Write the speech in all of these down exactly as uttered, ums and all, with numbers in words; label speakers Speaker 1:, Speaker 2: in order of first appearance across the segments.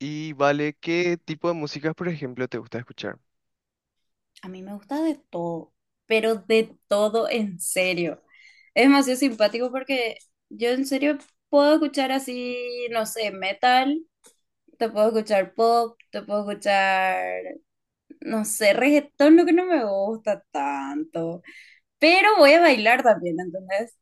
Speaker 1: Y vale, ¿qué tipo de música, por ejemplo, te gusta escuchar?
Speaker 2: A mí me gusta de todo, pero de todo en serio. Es demasiado simpático porque yo en serio puedo escuchar así, no sé, metal, te puedo escuchar pop, te puedo escuchar, no sé, reggaetón, lo que no me gusta tanto. Pero voy a bailar también, ¿entendés?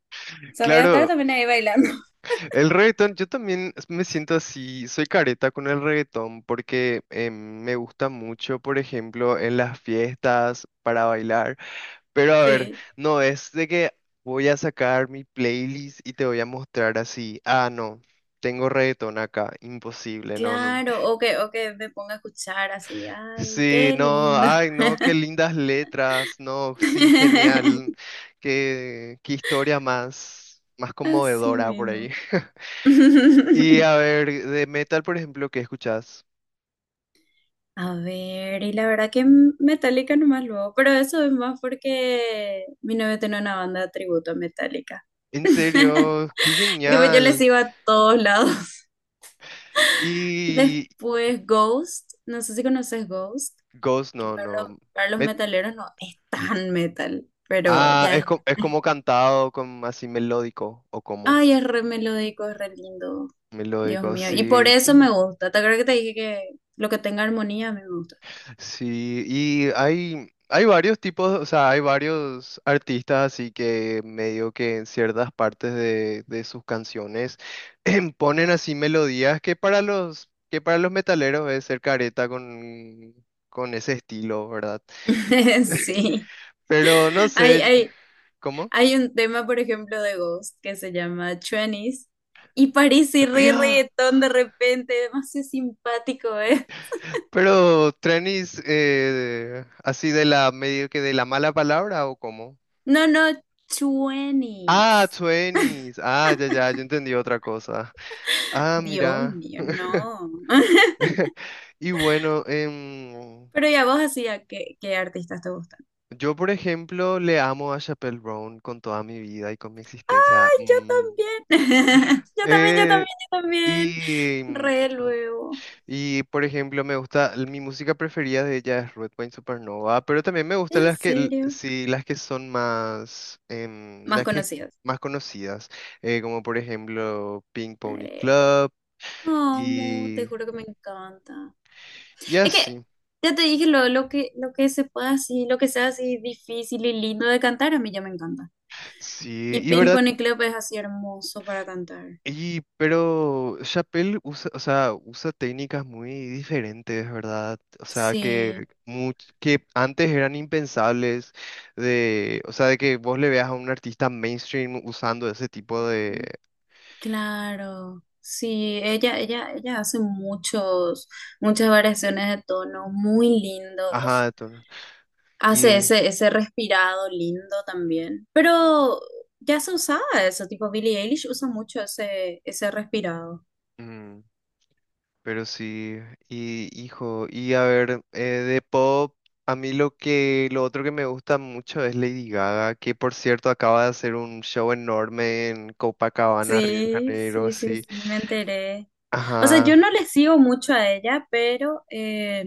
Speaker 2: O sea, voy a estar
Speaker 1: Claro,
Speaker 2: también ahí bailando.
Speaker 1: el reggaetón, yo también me siento así, soy careta con el reggaetón porque eh, me gusta mucho, por ejemplo, en las fiestas para bailar, pero a ver,
Speaker 2: Sí.
Speaker 1: no es de que voy a sacar mi playlist y te voy a mostrar así. Ah, no, tengo reggaetón acá, imposible, no, no.
Speaker 2: Claro, o que, o que me ponga a escuchar así, ay,
Speaker 1: Sí,
Speaker 2: qué
Speaker 1: no,
Speaker 2: lindo.
Speaker 1: ay, no, qué lindas letras, no, sí, genial, qué, qué historia más, más
Speaker 2: Así
Speaker 1: conmovedora por
Speaker 2: mismo.
Speaker 1: ahí. Y a ver, de metal, por ejemplo, ¿qué escuchas?
Speaker 2: A ver, y la verdad que m- Metallica nomás luego, pero eso es más porque mi novio tiene una banda de tributo a Metallica.
Speaker 1: En serio, qué
Speaker 2: Tipo, yo le
Speaker 1: genial.
Speaker 2: sigo a todos lados.
Speaker 1: Y
Speaker 2: Después Ghost, no sé si conoces Ghost,
Speaker 1: Ghost,
Speaker 2: que
Speaker 1: no,
Speaker 2: para los,
Speaker 1: no.
Speaker 2: para los
Speaker 1: Me-
Speaker 2: metaleros no es tan metal, pero
Speaker 1: Ah,
Speaker 2: ya
Speaker 1: es,
Speaker 2: es.
Speaker 1: co- es como cantado, como así melódico, o como
Speaker 2: Ay, es re melódico, es re lindo, Dios
Speaker 1: melódico,
Speaker 2: mío. Y por
Speaker 1: sí.
Speaker 2: eso me gusta. ¿Te acuerdas que te dije que lo que tenga armonía a mí me gusta?
Speaker 1: Sí, y hay, hay varios tipos, o sea, hay varios artistas así que medio que en ciertas partes de, de sus canciones ponen así melodías que para los, que para los metaleros es ser careta con, con ese estilo, ¿verdad?
Speaker 2: Sí.
Speaker 1: Pero no sé,
Speaker 2: Ay,
Speaker 1: y-
Speaker 2: ay.
Speaker 1: ¿cómo?
Speaker 2: Hay un tema, por ejemplo, de Ghost que se llama Twenties y parece re reggaetón de repente, demasiado simpático, ¿eh?
Speaker 1: Pero Trenis, eh, así de la medio que de la mala palabra, ¿o cómo?
Speaker 2: No, no,
Speaker 1: Ah,
Speaker 2: Twenties.
Speaker 1: Twenties. Ah, ya, ya, yo entendí otra cosa. Ah,
Speaker 2: Dios
Speaker 1: mira.
Speaker 2: mío, no.
Speaker 1: Y bueno, em,
Speaker 2: ¿Pero ya vos hacía qué, qué artistas te gustan?
Speaker 1: yo por ejemplo le amo a Chappell Brown con toda mi vida y con mi existencia.
Speaker 2: ¡Ay, yo
Speaker 1: Mm,
Speaker 2: también! Yo también, yo
Speaker 1: eh,
Speaker 2: también, yo también.
Speaker 1: y, mm,
Speaker 2: Re luego.
Speaker 1: y por ejemplo me gusta, mi música preferida de ella es Red Wine Supernova, pero también me gustan
Speaker 2: En
Speaker 1: las que, l-
Speaker 2: serio.
Speaker 1: sí, las que son más, em,
Speaker 2: Más
Speaker 1: las que
Speaker 2: conocidos.
Speaker 1: más conocidas, eh, como por ejemplo Pink Pony
Speaker 2: Eh,
Speaker 1: Club
Speaker 2: amo, te
Speaker 1: y,
Speaker 2: juro que me encanta.
Speaker 1: y
Speaker 2: Es que
Speaker 1: así.
Speaker 2: ya te dije lo, lo que, lo que se pueda así, lo que sea así difícil y lindo de cantar, a mí ya me encanta.
Speaker 1: Sí,
Speaker 2: Y
Speaker 1: y
Speaker 2: Pink
Speaker 1: verdad.
Speaker 2: Pony Club es así hermoso para cantar.
Speaker 1: Y, pero Chappelle usa, o sea, usa técnicas muy diferentes, ¿verdad? O sea, que,
Speaker 2: Sí,
Speaker 1: much- que antes eran impensables de, o sea, de que vos le veas a un artista mainstream usando ese tipo de,
Speaker 2: claro. Sí, ella, ella, ella hace muchos, muchas variaciones de tono muy
Speaker 1: ajá,
Speaker 2: lindos.
Speaker 1: de tono.
Speaker 2: Hace
Speaker 1: Y,
Speaker 2: ese, ese respirado lindo también. Pero ya se usaba eso, tipo Billie Eilish usa mucho ese, ese respirado.
Speaker 1: mm, pero sí, y, hijo, y a ver, eh, de pop, a mí lo que, lo otro que me gusta mucho es Lady Gaga, que por cierto acaba de hacer un show enorme en Copacabana, Río de
Speaker 2: Sí,
Speaker 1: Janeiro,
Speaker 2: sí, sí,
Speaker 1: sí.
Speaker 2: sí, me enteré. O sea, yo
Speaker 1: Ajá.
Speaker 2: no le sigo mucho a ella, pero eh,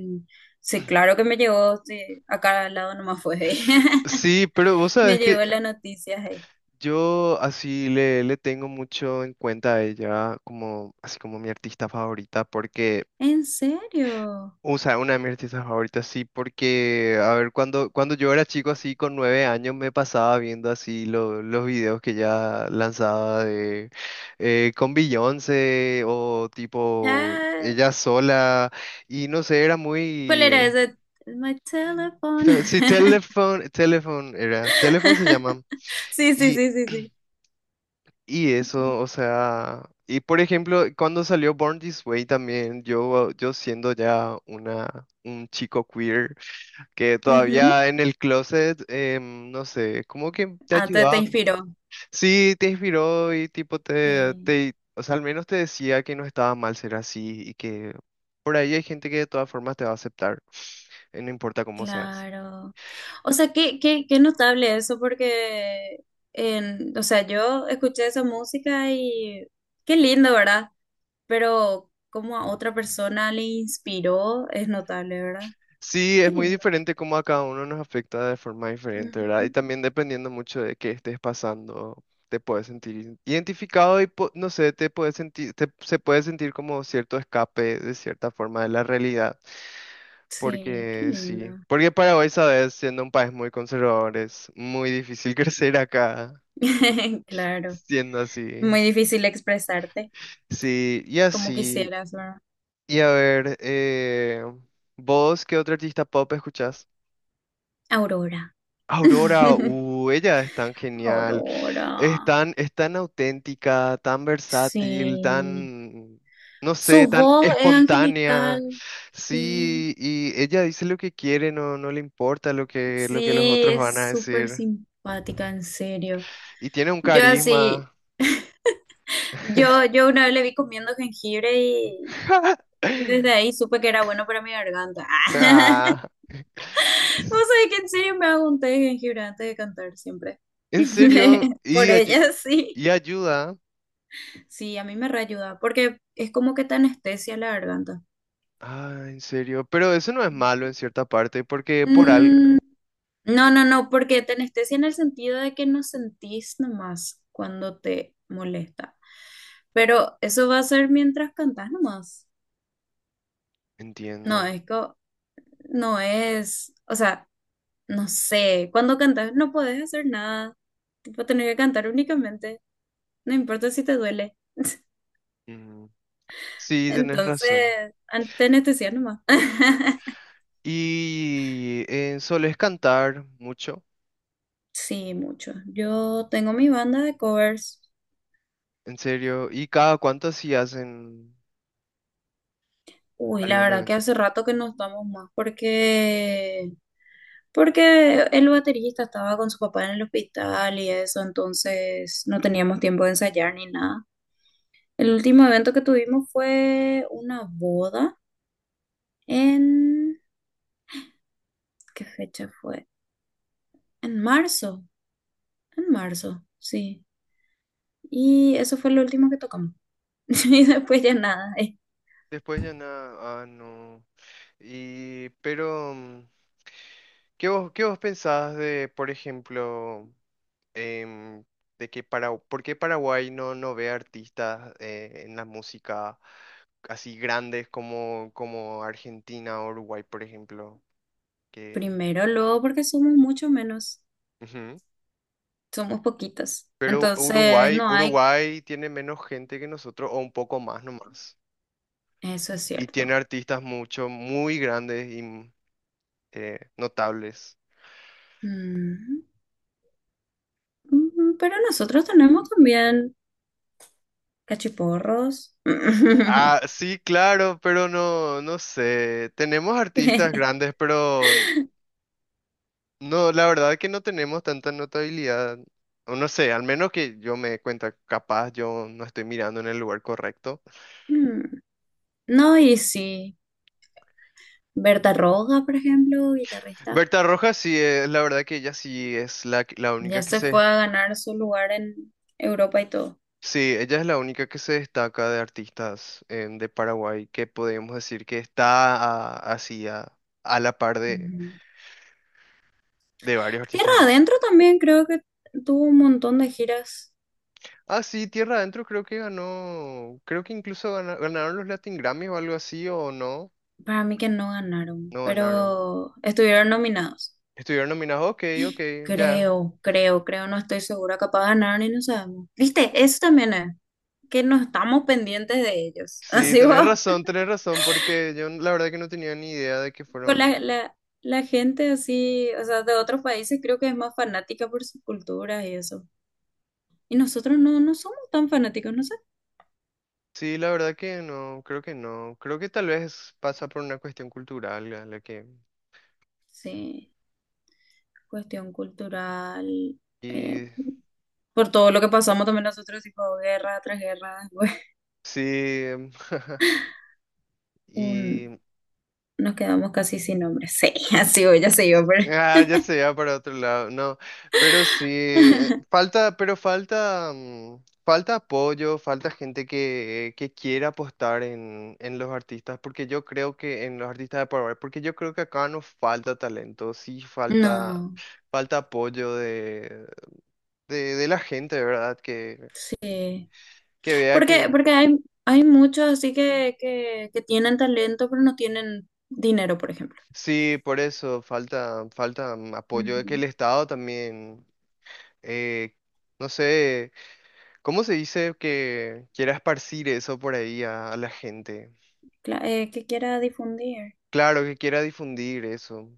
Speaker 2: sí, claro que me llegó, sí, acá al lado nomás fue ahí.
Speaker 1: Sí, pero vos
Speaker 2: Me
Speaker 1: sabes que
Speaker 2: llegó las noticias ahí.
Speaker 1: yo así le, le tengo mucho en cuenta a ella como, así como mi artista favorita, porque,
Speaker 2: ¿En serio?
Speaker 1: o sea, una de mis artistas favoritas, sí, porque, a ver, cuando, cuando yo era chico así con nueve años me pasaba viendo así lo- los videos que ella lanzaba de, eh, con Beyoncé o tipo
Speaker 2: Ah,
Speaker 1: ella sola, y no sé, era
Speaker 2: ¿cuál
Speaker 1: muy...
Speaker 2: era ese? My telephone.
Speaker 1: Sí, Telephone, Telephone era, Telephone se llama.
Speaker 2: Sí, sí, sí, sí, sí.
Speaker 1: Y eso, o sea, y por ejemplo, cuando salió Born This Way también, yo, yo siendo ya una, un chico queer que
Speaker 2: Ujú.
Speaker 1: todavía en el closet, em, no sé, como que te
Speaker 2: Ah, te, te
Speaker 1: ayudaba.
Speaker 2: inspiró.
Speaker 1: Sí, te inspiró y tipo te,
Speaker 2: Sí.
Speaker 1: te, o sea, al menos te decía que no estaba mal ser así y que por ahí hay gente que de todas formas te va a aceptar, eh, no importa cómo seas.
Speaker 2: Claro. O sea, qué, qué, qué notable eso, porque en, o sea, yo escuché esa música y qué lindo, ¿verdad? Pero como a otra persona le inspiró, es notable, ¿verdad?
Speaker 1: Sí,
Speaker 2: Qué
Speaker 1: es muy
Speaker 2: lindo.
Speaker 1: diferente cómo a cada uno nos afecta de forma diferente, ¿verdad? Y
Speaker 2: Ujú.
Speaker 1: también dependiendo mucho de qué estés pasando, te puedes sentir identificado y po- no sé, te puedes sentir, te- se puede sentir como cierto escape de cierta forma de la realidad,
Speaker 2: Sí, qué
Speaker 1: porque sí,
Speaker 2: lindo.
Speaker 1: porque Paraguay, sabes, siendo un país muy conservador, es muy difícil crecer acá,
Speaker 2: Claro.
Speaker 1: siendo así.
Speaker 2: Muy difícil expresarte
Speaker 1: Sí, y
Speaker 2: como
Speaker 1: así,
Speaker 2: quisieras, ¿verdad?
Speaker 1: y a ver, eh, ¿vos qué otro artista pop escuchás?
Speaker 2: Aurora.
Speaker 1: Aurora, uh, ella es tan genial,
Speaker 2: Aurora.
Speaker 1: es tan, es tan auténtica, tan versátil,
Speaker 2: Sí.
Speaker 1: tan, no sé,
Speaker 2: Su
Speaker 1: tan
Speaker 2: voz es
Speaker 1: espontánea.
Speaker 2: angelical. Sí.
Speaker 1: Sí, y ella dice lo que quiere, no, no le importa lo que, lo que los
Speaker 2: Sí,
Speaker 1: otros van
Speaker 2: es
Speaker 1: a
Speaker 2: súper
Speaker 1: decir.
Speaker 2: simpática, en serio.
Speaker 1: Y tiene un
Speaker 2: Yo así,
Speaker 1: carisma.
Speaker 2: yo, yo una vez le vi comiendo jengibre y, y desde ahí supe que era bueno para mi garganta.
Speaker 1: Ah,
Speaker 2: Vos sabés que en serio me hago un té de jengibre antes de cantar siempre.
Speaker 1: en serio, y,
Speaker 2: Por
Speaker 1: ayu-
Speaker 2: ella, sí.
Speaker 1: y ayuda.
Speaker 2: Sí, a mí me reayuda, porque es como que te anestesia la garganta.
Speaker 1: Ah, en serio, pero eso no es malo en cierta parte, porque por algo,
Speaker 2: No, no, no, porque te anestesia en el sentido de que no sentís nomás cuando te molesta. Pero eso va a ser mientras cantás nomás. No,
Speaker 1: entiendo.
Speaker 2: es que no es, o sea, no sé, cuando cantas no podés hacer nada. Tipo, tenés que cantar únicamente, no importa si te duele.
Speaker 1: Mm. Sí, tenés razón.
Speaker 2: Entonces, an- te anestesia nomás.
Speaker 1: Y eh, solés cantar mucho,
Speaker 2: Sí, mucho. Yo tengo mi banda de covers.
Speaker 1: en serio. ¿Y cada cuánto si hacen
Speaker 2: Uy, la
Speaker 1: algún
Speaker 2: verdad que
Speaker 1: evento?
Speaker 2: hace rato que no estamos más porque porque el baterista estaba con su papá en el hospital y eso, entonces no teníamos tiempo de ensayar ni nada. El último evento que tuvimos fue una boda en ¿qué fecha fue? En marzo, en marzo, sí. Y eso fue lo último que tocamos. Y después ya nada. eh.
Speaker 1: Después ya nada, ah, no. Y pero, mm, ¿qué vos, qué vos pensás de, por ejemplo, em, de que para, por qué Paraguay no, no ve artistas eh, en la música así grandes como, como Argentina o Uruguay, por ejemplo? Que,
Speaker 2: Primero, luego, porque somos mucho menos, somos poquitas.
Speaker 1: pero
Speaker 2: Entonces,
Speaker 1: Uruguay,
Speaker 2: no hay,
Speaker 1: Uruguay tiene menos gente que nosotros, o un poco más nomás.
Speaker 2: eso es
Speaker 1: Y
Speaker 2: cierto.
Speaker 1: tiene artistas mucho, muy grandes y mm, eh, notables.
Speaker 2: Mm, mm, Pero nosotros tenemos también cachiporros.
Speaker 1: Ah, sí, claro, pero no, no sé. Tenemos artistas grandes, pero no, la verdad que no tenemos tanta notabilidad. O no sé, al menos que yo me dé cuenta, capaz yo no estoy mirando en el lugar correcto.
Speaker 2: Mm, No, y sí, Berta Roja, por ejemplo, guitarrista,
Speaker 1: Berta Rojas sí, eh, la verdad que ella sí es la, que- la única
Speaker 2: ya
Speaker 1: que
Speaker 2: se
Speaker 1: se...
Speaker 2: fue a ganar su lugar en Europa y todo.
Speaker 1: Sí, ella es la única que se destaca de artistas em, de Paraguay que podemos decir que está a- así a, a la par de,
Speaker 2: Mm.
Speaker 1: de varios
Speaker 2: Tierra
Speaker 1: artistas grandes.
Speaker 2: Adentro también creo que tuvo un montón de giras,
Speaker 1: Ah, sí, Tierra Adentro creo que ganó, creo que incluso gana- ganaron los Latin Grammys o algo así, o no,
Speaker 2: para mí que no ganaron,
Speaker 1: no ganaron.
Speaker 2: pero estuvieron nominados.
Speaker 1: Estuvieron nominados, ok, ok, ya.
Speaker 2: Creo, creo, creo, no estoy segura, capaz ganaron y no sabemos. ¿Viste? Eso también es, que no estamos pendientes de ellos.
Speaker 1: Sí,
Speaker 2: Así vos,
Speaker 1: tenés razón, tenés razón, porque yo la verdad que no tenía ni idea de que
Speaker 2: tipo,
Speaker 1: fueron...
Speaker 2: la, la, la gente así, o sea, de otros países creo que es más fanática por sus culturas y eso. Y nosotros no, no somos tan fanáticos, no sé.
Speaker 1: Sí, la verdad que no, creo que no. Creo que tal vez pasa por una cuestión cultural a la que...
Speaker 2: Sí, cuestión cultural, eh,
Speaker 1: Y
Speaker 2: por todo lo que pasamos también nosotros, tipo guerra tras guerra, después
Speaker 1: sí,
Speaker 2: un-
Speaker 1: y
Speaker 2: nos quedamos casi sin nombre. Sí, así voy, ya se iba, pero...
Speaker 1: ah, ya se va para otro lado, no, pero sí, eh, falta, pero falta, mm, falta apoyo, falta gente que, que quiera apostar en, en los artistas, porque yo creo que en los artistas de Paraguay, porque yo creo que acá no falta talento, sí falta,
Speaker 2: No,
Speaker 1: falta apoyo de, de, de la gente, ¿verdad? Que,
Speaker 2: sí.
Speaker 1: que vea
Speaker 2: Porque,
Speaker 1: que
Speaker 2: porque hay, hay muchos así que, que, que tienen talento, pero no tienen dinero, por ejemplo.
Speaker 1: sí, por eso falta, falta mm, apoyo de que
Speaker 2: Ujú.
Speaker 1: el Estado también eh, no sé, ¿cómo se dice? Que quiera esparcir eso por ahí a, a la gente.
Speaker 2: Cla- eh, que quiera difundir.
Speaker 1: Claro, que quiera difundir eso.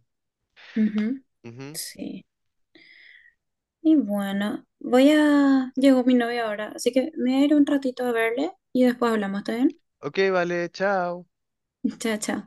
Speaker 2: Ujú,
Speaker 1: Ujú.
Speaker 2: sí. Y bueno, voy a... Llegó mi novia ahora, así que me voy a ir un ratito a verle y después hablamos, ¿está bien?
Speaker 1: Ok, vale, chao.
Speaker 2: Chao, chao.